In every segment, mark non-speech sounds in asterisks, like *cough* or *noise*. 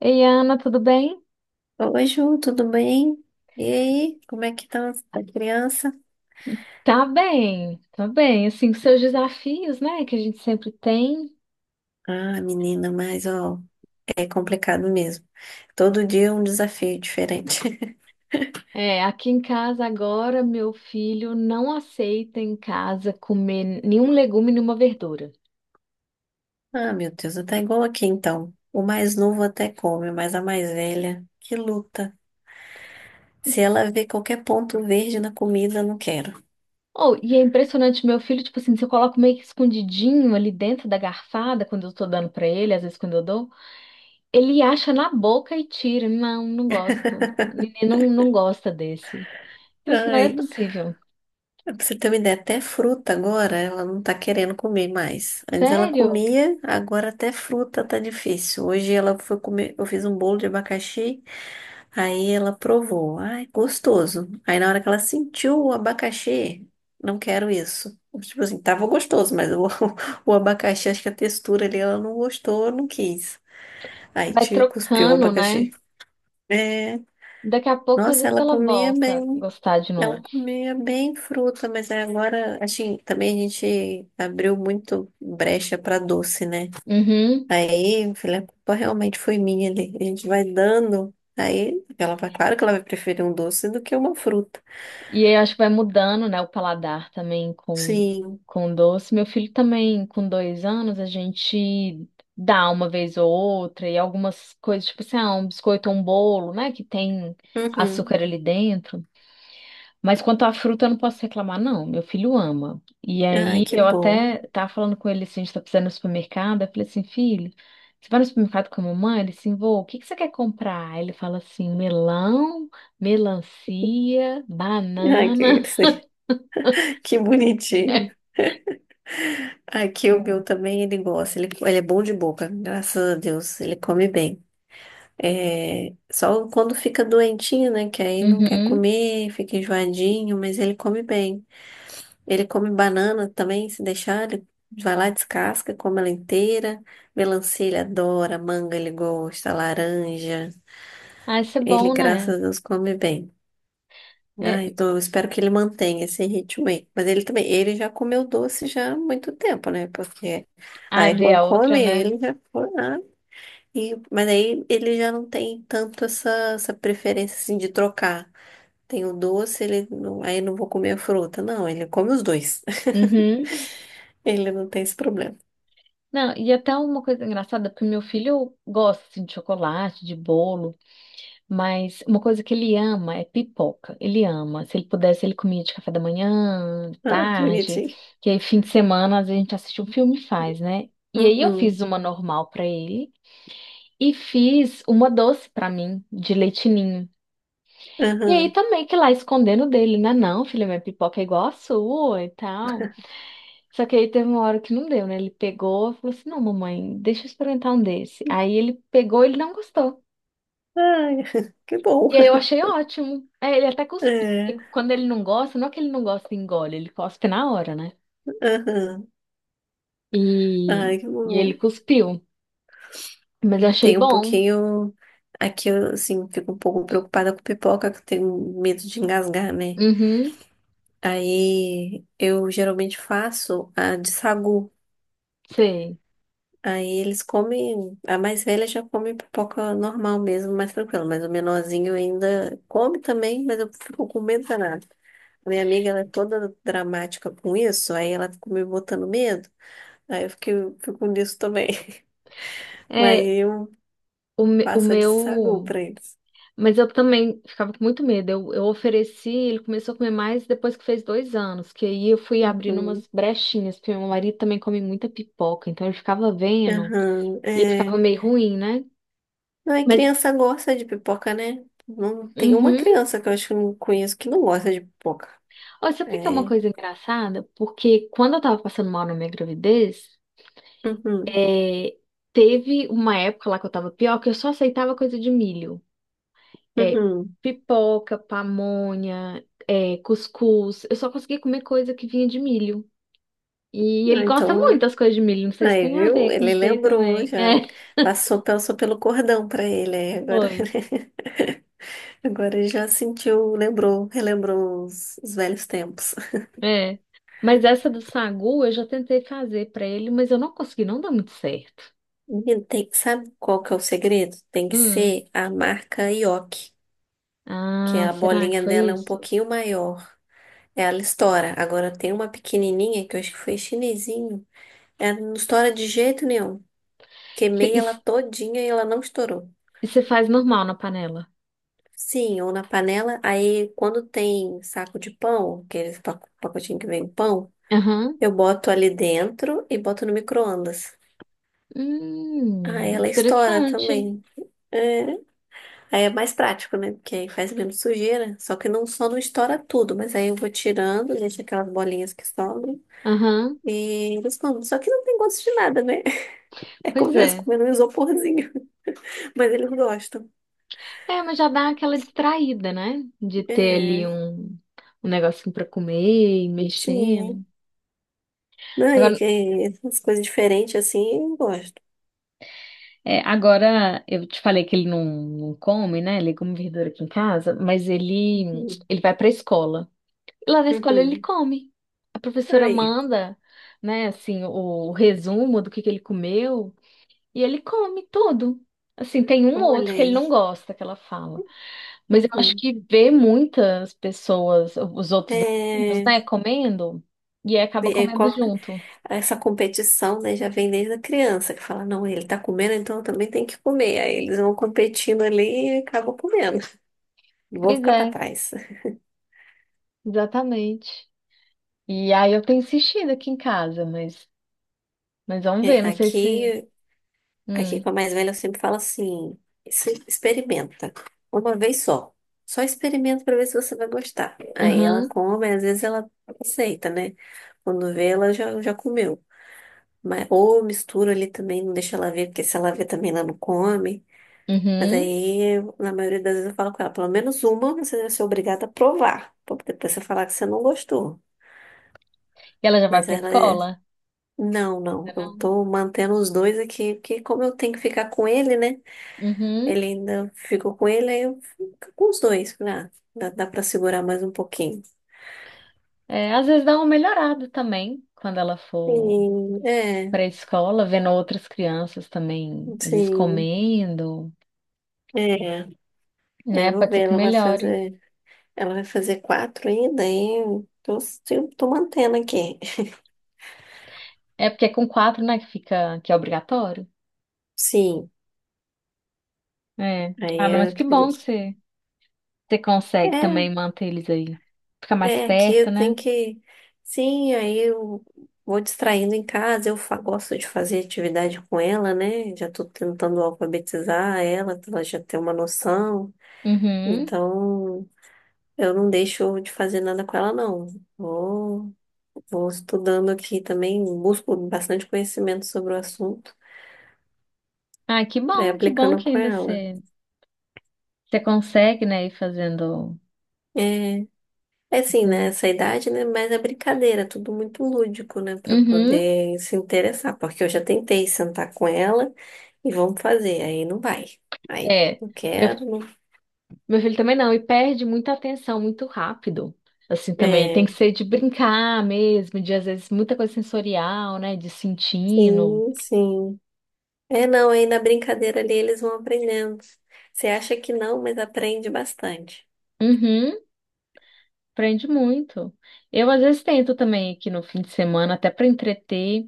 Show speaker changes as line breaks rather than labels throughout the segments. Ei, Ana, tudo bem?
Oi, Ju, tudo bem? E aí, como é que tá a criança?
Tá bem, tá bem. Assim, com seus desafios, né, que a gente sempre tem.
Ah, menina, mas ó, é complicado mesmo. Todo dia é um desafio diferente. *laughs*
É, aqui em casa agora, meu filho não aceita em casa comer nenhum legume, nenhuma verdura.
Ah, meu Deus, tá igual aqui então. O mais novo até come, mas a mais velha, que luta. Se ela vê qualquer ponto verde na comida, não quero.
Oh, e é impressionante, meu filho, tipo assim, se eu coloco meio que escondidinho ali dentro da garfada, quando eu tô dando pra ele, às vezes quando eu dou, ele acha na boca e tira. Não, não gosto. Menino não gosta desse. Eu falei assim, mas é
Ai,
possível.
pra você ter uma ideia, até fruta agora ela não tá querendo comer mais. Antes ela
Sério?
comia, agora até fruta tá difícil. Hoje ela foi comer, eu fiz um bolo de abacaxi, aí ela provou. Ai, gostoso. Aí na hora que ela sentiu o abacaxi, não quero isso. Tipo assim, tava gostoso, *laughs* o abacaxi, acho que a textura ali ela não gostou, não quis. Aí
Vai
te cuspiu o
trocando, né?
abacaxi. É,
Daqui a pouco, às
nossa,
vezes,
ela
ela
comia
volta a
bem.
gostar de novo.
Ela comia bem fruta, mas aí agora, assim, também a gente abriu muito brecha para doce, né?
Uhum.
Aí, filha, a culpa realmente foi minha ali. A gente vai dando. Aí, ela vai, claro que ela vai preferir um doce do que uma fruta.
E aí, eu acho que vai mudando, né, o paladar também
Sim.
com doce. Meu filho também, com dois anos, a gente dá uma vez ou outra, e algumas coisas, tipo assim, ah, um biscoito ou um bolo, né, que tem
Uhum.
açúcar ali dentro. Mas quanto à fruta, eu não posso reclamar, não. Meu filho ama. E
Ai,
aí
que
eu até
bom.
tava falando com ele assim, a gente tá precisando ir no supermercado. Eu falei assim, filho, você vai no supermercado com a mamãe? Ele assim, vô, o que que você quer comprar? Aí ele fala assim, melão, melancia,
Ai, que,
banana.
*laughs* que bonitinho. Aqui o meu
*laughs*
também, ele gosta. Ele é bom de boca, graças a Deus. Ele come bem. É, só quando fica doentinho, né? Que aí não quer
Uhum.
comer, fica enjoadinho, mas ele come bem. Ele come banana também, se deixar, ele vai lá, descasca, come ela inteira. Melancia ele adora, manga ele gosta, laranja.
Ah, isso é
Ele,
bom, né?
graças a Deus, come bem. Ai,
É...
então eu espero que ele mantenha esse ritmo aí. Mas ele também, ele já comeu doce já há muito tempo, né? Porque a
Ah, ver
irmã
a outra,
come,
né?
ele já foi. Ah, mas aí ele já não tem tanto essa preferência assim de trocar. Tem o doce, ele não, aí não vou comer a fruta. Não, ele come os dois. *laughs*
Uhum.
Ele não tem esse problema.
Não, e até uma coisa engraçada, porque meu filho gosta assim, de chocolate, de bolo. Mas uma coisa que ele ama é pipoca. Ele ama. Se ele pudesse, ele comia de café da manhã, de
Ah, que
tarde.
bonitinho.
Que aí, fim de semana, às vezes a gente assiste um filme e faz, né? E aí eu fiz
Uhum,
uma normal pra ele e fiz uma doce pra mim, de leite ninho. E aí
uhum.
também que lá escondendo dele, né? Não, filha, minha pipoca é igual a sua e tal. Só que aí teve uma hora que não deu, né? Ele pegou e falou assim: não, mamãe, deixa eu experimentar um desse. Aí ele pegou, ele não gostou.
Ai, *laughs* que bom.
E aí eu achei ótimo. É, ele até cuspiu, porque
É,
quando ele não gosta, não é que ele não gosta e engole, ele cospe na hora, né?
uhum.
E,
Ai, que
e ele
bom.
cuspiu. Mas eu
Eu
achei
tenho um
bom.
pouquinho. Aqui eu, assim, fico um pouco preocupada com pipoca, que eu tenho medo de engasgar, né?
Uhum,
Aí eu geralmente faço a de sagu.
sei.
Aí eles comem, a mais velha já come pipoca normal mesmo, mais tranquila, mas o menorzinho ainda come também, mas eu fico com medo danado. A minha amiga, ela é toda dramática com isso, aí ela fica me botando medo, aí eu fico fico nisso também. *laughs* Mas
É,
eu
o
passo de sagu
meu.
pra eles.
Mas eu também ficava com muito medo. Eu ofereci, ele começou a comer mais depois que fez dois anos, que aí eu fui abrindo
Uhum.
umas brechinhas, porque meu marido também come muita pipoca, então ele ficava vendo
Aham,
e ele
é.
ficava meio ruim, né?
Não, e
Mas.
criança gosta de pipoca, né? Não tem uma
Uhum.
criança que eu acho que eu não conheço que não gosta de pipoca.
Olha, sabe o que que é uma
É.
coisa engraçada? Porque quando eu tava passando mal na minha gravidez,
Uhum.
é, teve uma época lá que eu tava pior, que eu só aceitava coisa de milho. É,
Uhum.
pipoca, pamonha, é, cuscuz. Eu só conseguia comer coisa que vinha de milho. E ele
Ah,
gosta muito
então.
das coisas de milho. Não sei se
Aí,
tem a
viu?
ver com
Ele
isso daí
lembrou
também. *laughs*
já.
É,
Passou, passou pelo cordão pra ele, aí agora,
foi.
*laughs* agora ele já sentiu, lembrou, relembrou os velhos tempos.
É. Mas essa do sagu eu já tentei fazer pra ele, mas eu não consegui, não dá muito certo.
Menino, tem- sabe qual que é o segredo? Tem que
Hum.
ser a marca Yoki, que
Ah,
a
será que
bolinha
foi
dela é um
isso?
pouquinho maior. Ela estoura. Agora tem uma pequenininha que eu acho que foi chinesinho. Ela não estoura de jeito nenhum. Queimei ela todinha e ela não estourou.
E você faz normal na panela?
Sim, ou na panela. Aí, quando tem saco de pão, aqueles pacotinho que vem pão,
Aham.
eu boto ali dentro e boto no micro-ondas. Aí ela estoura
Interessante.
também. É. Aí é mais prático, né? Porque aí faz menos sujeira. Só que não estoura tudo, mas aí eu vou tirando, deixo aquelas bolinhas que sobram
Aham.
e eles comem. Só que não tem gosto de nada, né? *laughs* É como
Pois
se eu estivesse
é.
comendo um isoporzinho. *laughs* Mas eles gostam.
É, mas já dá aquela distraída, né? De ter ali
É,
um, um negocinho pra comer, e mexendo.
sim. Não, e
Agora,
que- as coisas diferentes assim, eu gosto.
é, agora, eu te falei que ele não come, né? Ele come verdura aqui em casa, mas ele,
Uhum.
ele vai pra escola. E lá na escola ele
Uhum.
come. A professora
Aí,
manda, né, assim, o resumo do que ele comeu. E ele come tudo. Assim, tem um ou outro
olha
que ele não
aí.
gosta que ela fala. Mas eu acho
Uhum.
que vê muitas pessoas, os outros amigos,
É,
né, comendo, e aí acaba
é
comendo
qual que-
junto.
essa competição, né, já vem desde a criança, que fala, não, ele tá comendo, então eu também tenho que comer. Aí eles vão competindo ali e acabam comendo. Não vou
Pois
ficar pra
é,
trás.
exatamente. E aí eu tenho insistido aqui em casa, mas vamos
É,
ver, não sei se.
aqui
Hum,
com a mais velha, eu sempre falo assim: "Se- experimenta, uma vez só. Só experimenta pra ver se você vai gostar." Aí ela
uhum,
come, às vezes ela aceita, né? Quando vê, ela já comeu. Mas, ou misturo ali também, não deixa ela ver, porque se ela ver também ela não come. Mas
uhum.
aí, na maioria das vezes, eu falo com ela, pelo menos uma você deve ser obrigada a provar, pra depois você falar que você não gostou.
E ela já vai
Mas
pra
ela é,
escola?
não, não,
Ainda
eu
não.
tô mantendo os dois aqui, porque como eu tenho que ficar com ele, né?
Uhum.
Ele ainda ficou com ele, aí eu fico com os dois, né? Dá pra segurar mais um pouquinho.
É, às vezes dá uma melhorada também quando ela for
Sim, é,
para a escola, vendo outras crianças também, às vezes
sim,
comendo,
é, é,
né?
vou
Pode
ver,
ser que
ela vai
melhore.
fazer. Ela vai fazer 4 ainda, eu tô mantendo aqui.
É porque é com quatro, né, que fica, que é obrigatório.
Sim,
É.
aí
Ah, não,
eu
mas que bom que
acredito.
você consegue também manter eles aí. Fica
É,
mais
é,
perto,
aqui
né?
tem que. Sim, aí eu vou distraindo em casa, eu gosto de fazer atividade com ela, né? Já tô tentando alfabetizar ela, pra ela já ter uma noção.
Uhum.
Então, eu não deixo de fazer nada com ela, não. Vou, vou estudando aqui também, busco bastante conhecimento sobre o assunto,
Ah, que
pra ir
bom, que bom
aplicando
que
com
ainda
ela.
você consegue, né, ir fazendo.
É. É assim, né?
Sim.
Essa idade, né? Mas é brincadeira, tudo muito lúdico, né? Pra
Uhum.
poder se interessar. Porque eu já tentei sentar com ela e vamos fazer. Aí não vai. Aí
É.
não
Eu
quero. Não...
meu filho também não, e perde muita atenção muito rápido. Assim também, tem que
É,
ser de brincar mesmo, de às vezes muita coisa sensorial, né? De sentindo.
sim, sim. É, não, aí na brincadeira ali eles vão aprendendo. Você acha que não, mas aprende bastante.
Uhum, prende muito. Eu às vezes tento também aqui no fim de semana, até para entreter,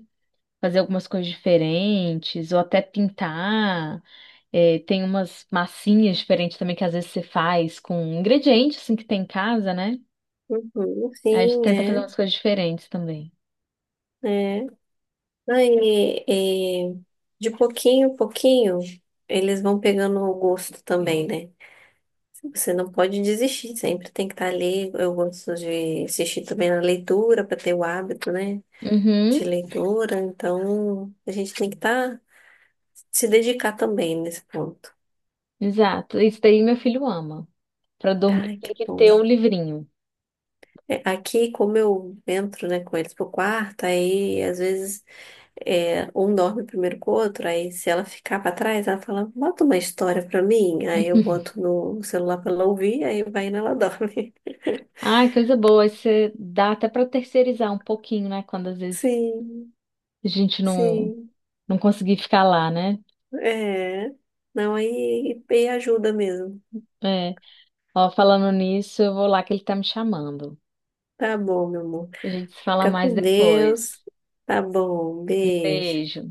fazer algumas coisas diferentes, ou até pintar. É, tem umas massinhas diferentes também que às vezes você faz com ingredientes assim que tem em casa, né?
Uhum,
Aí a gente
sim,
tenta fazer
é,
umas coisas diferentes também.
é. Aí, é, de pouquinho em pouquinho, eles vão pegando o gosto também, né? Você não pode desistir, sempre tem que estar ali. Eu gosto de assistir também na leitura, para ter o hábito, né,
Uhum,
de leitura. Então, a gente tem que estar, se dedicar também nesse ponto.
exato. Isso daí meu filho ama. Para dormir,
Ai,
tem
que
que
bom.
ter um livrinho.
É, aqui, como eu entro, né, com eles pro quarto, aí às vezes é, um dorme primeiro com o outro, aí se ela ficar para trás, ela fala, bota uma história para mim. Aí eu boto no celular para ela ouvir, aí vai e ela dorme.
Ai, coisa boa. Aí você dá até para terceirizar um pouquinho, né? Quando às
*laughs*
vezes
Sim,
a gente não,
sim.
não conseguir ficar lá, né?
É, não, aí e ajuda mesmo.
É. Ó, falando nisso, eu vou lá que ele tá me chamando.
Tá bom, meu amor.
A gente se fala
Fica
mais
com
depois.
Deus. Tá bom, beijo.
Beijo.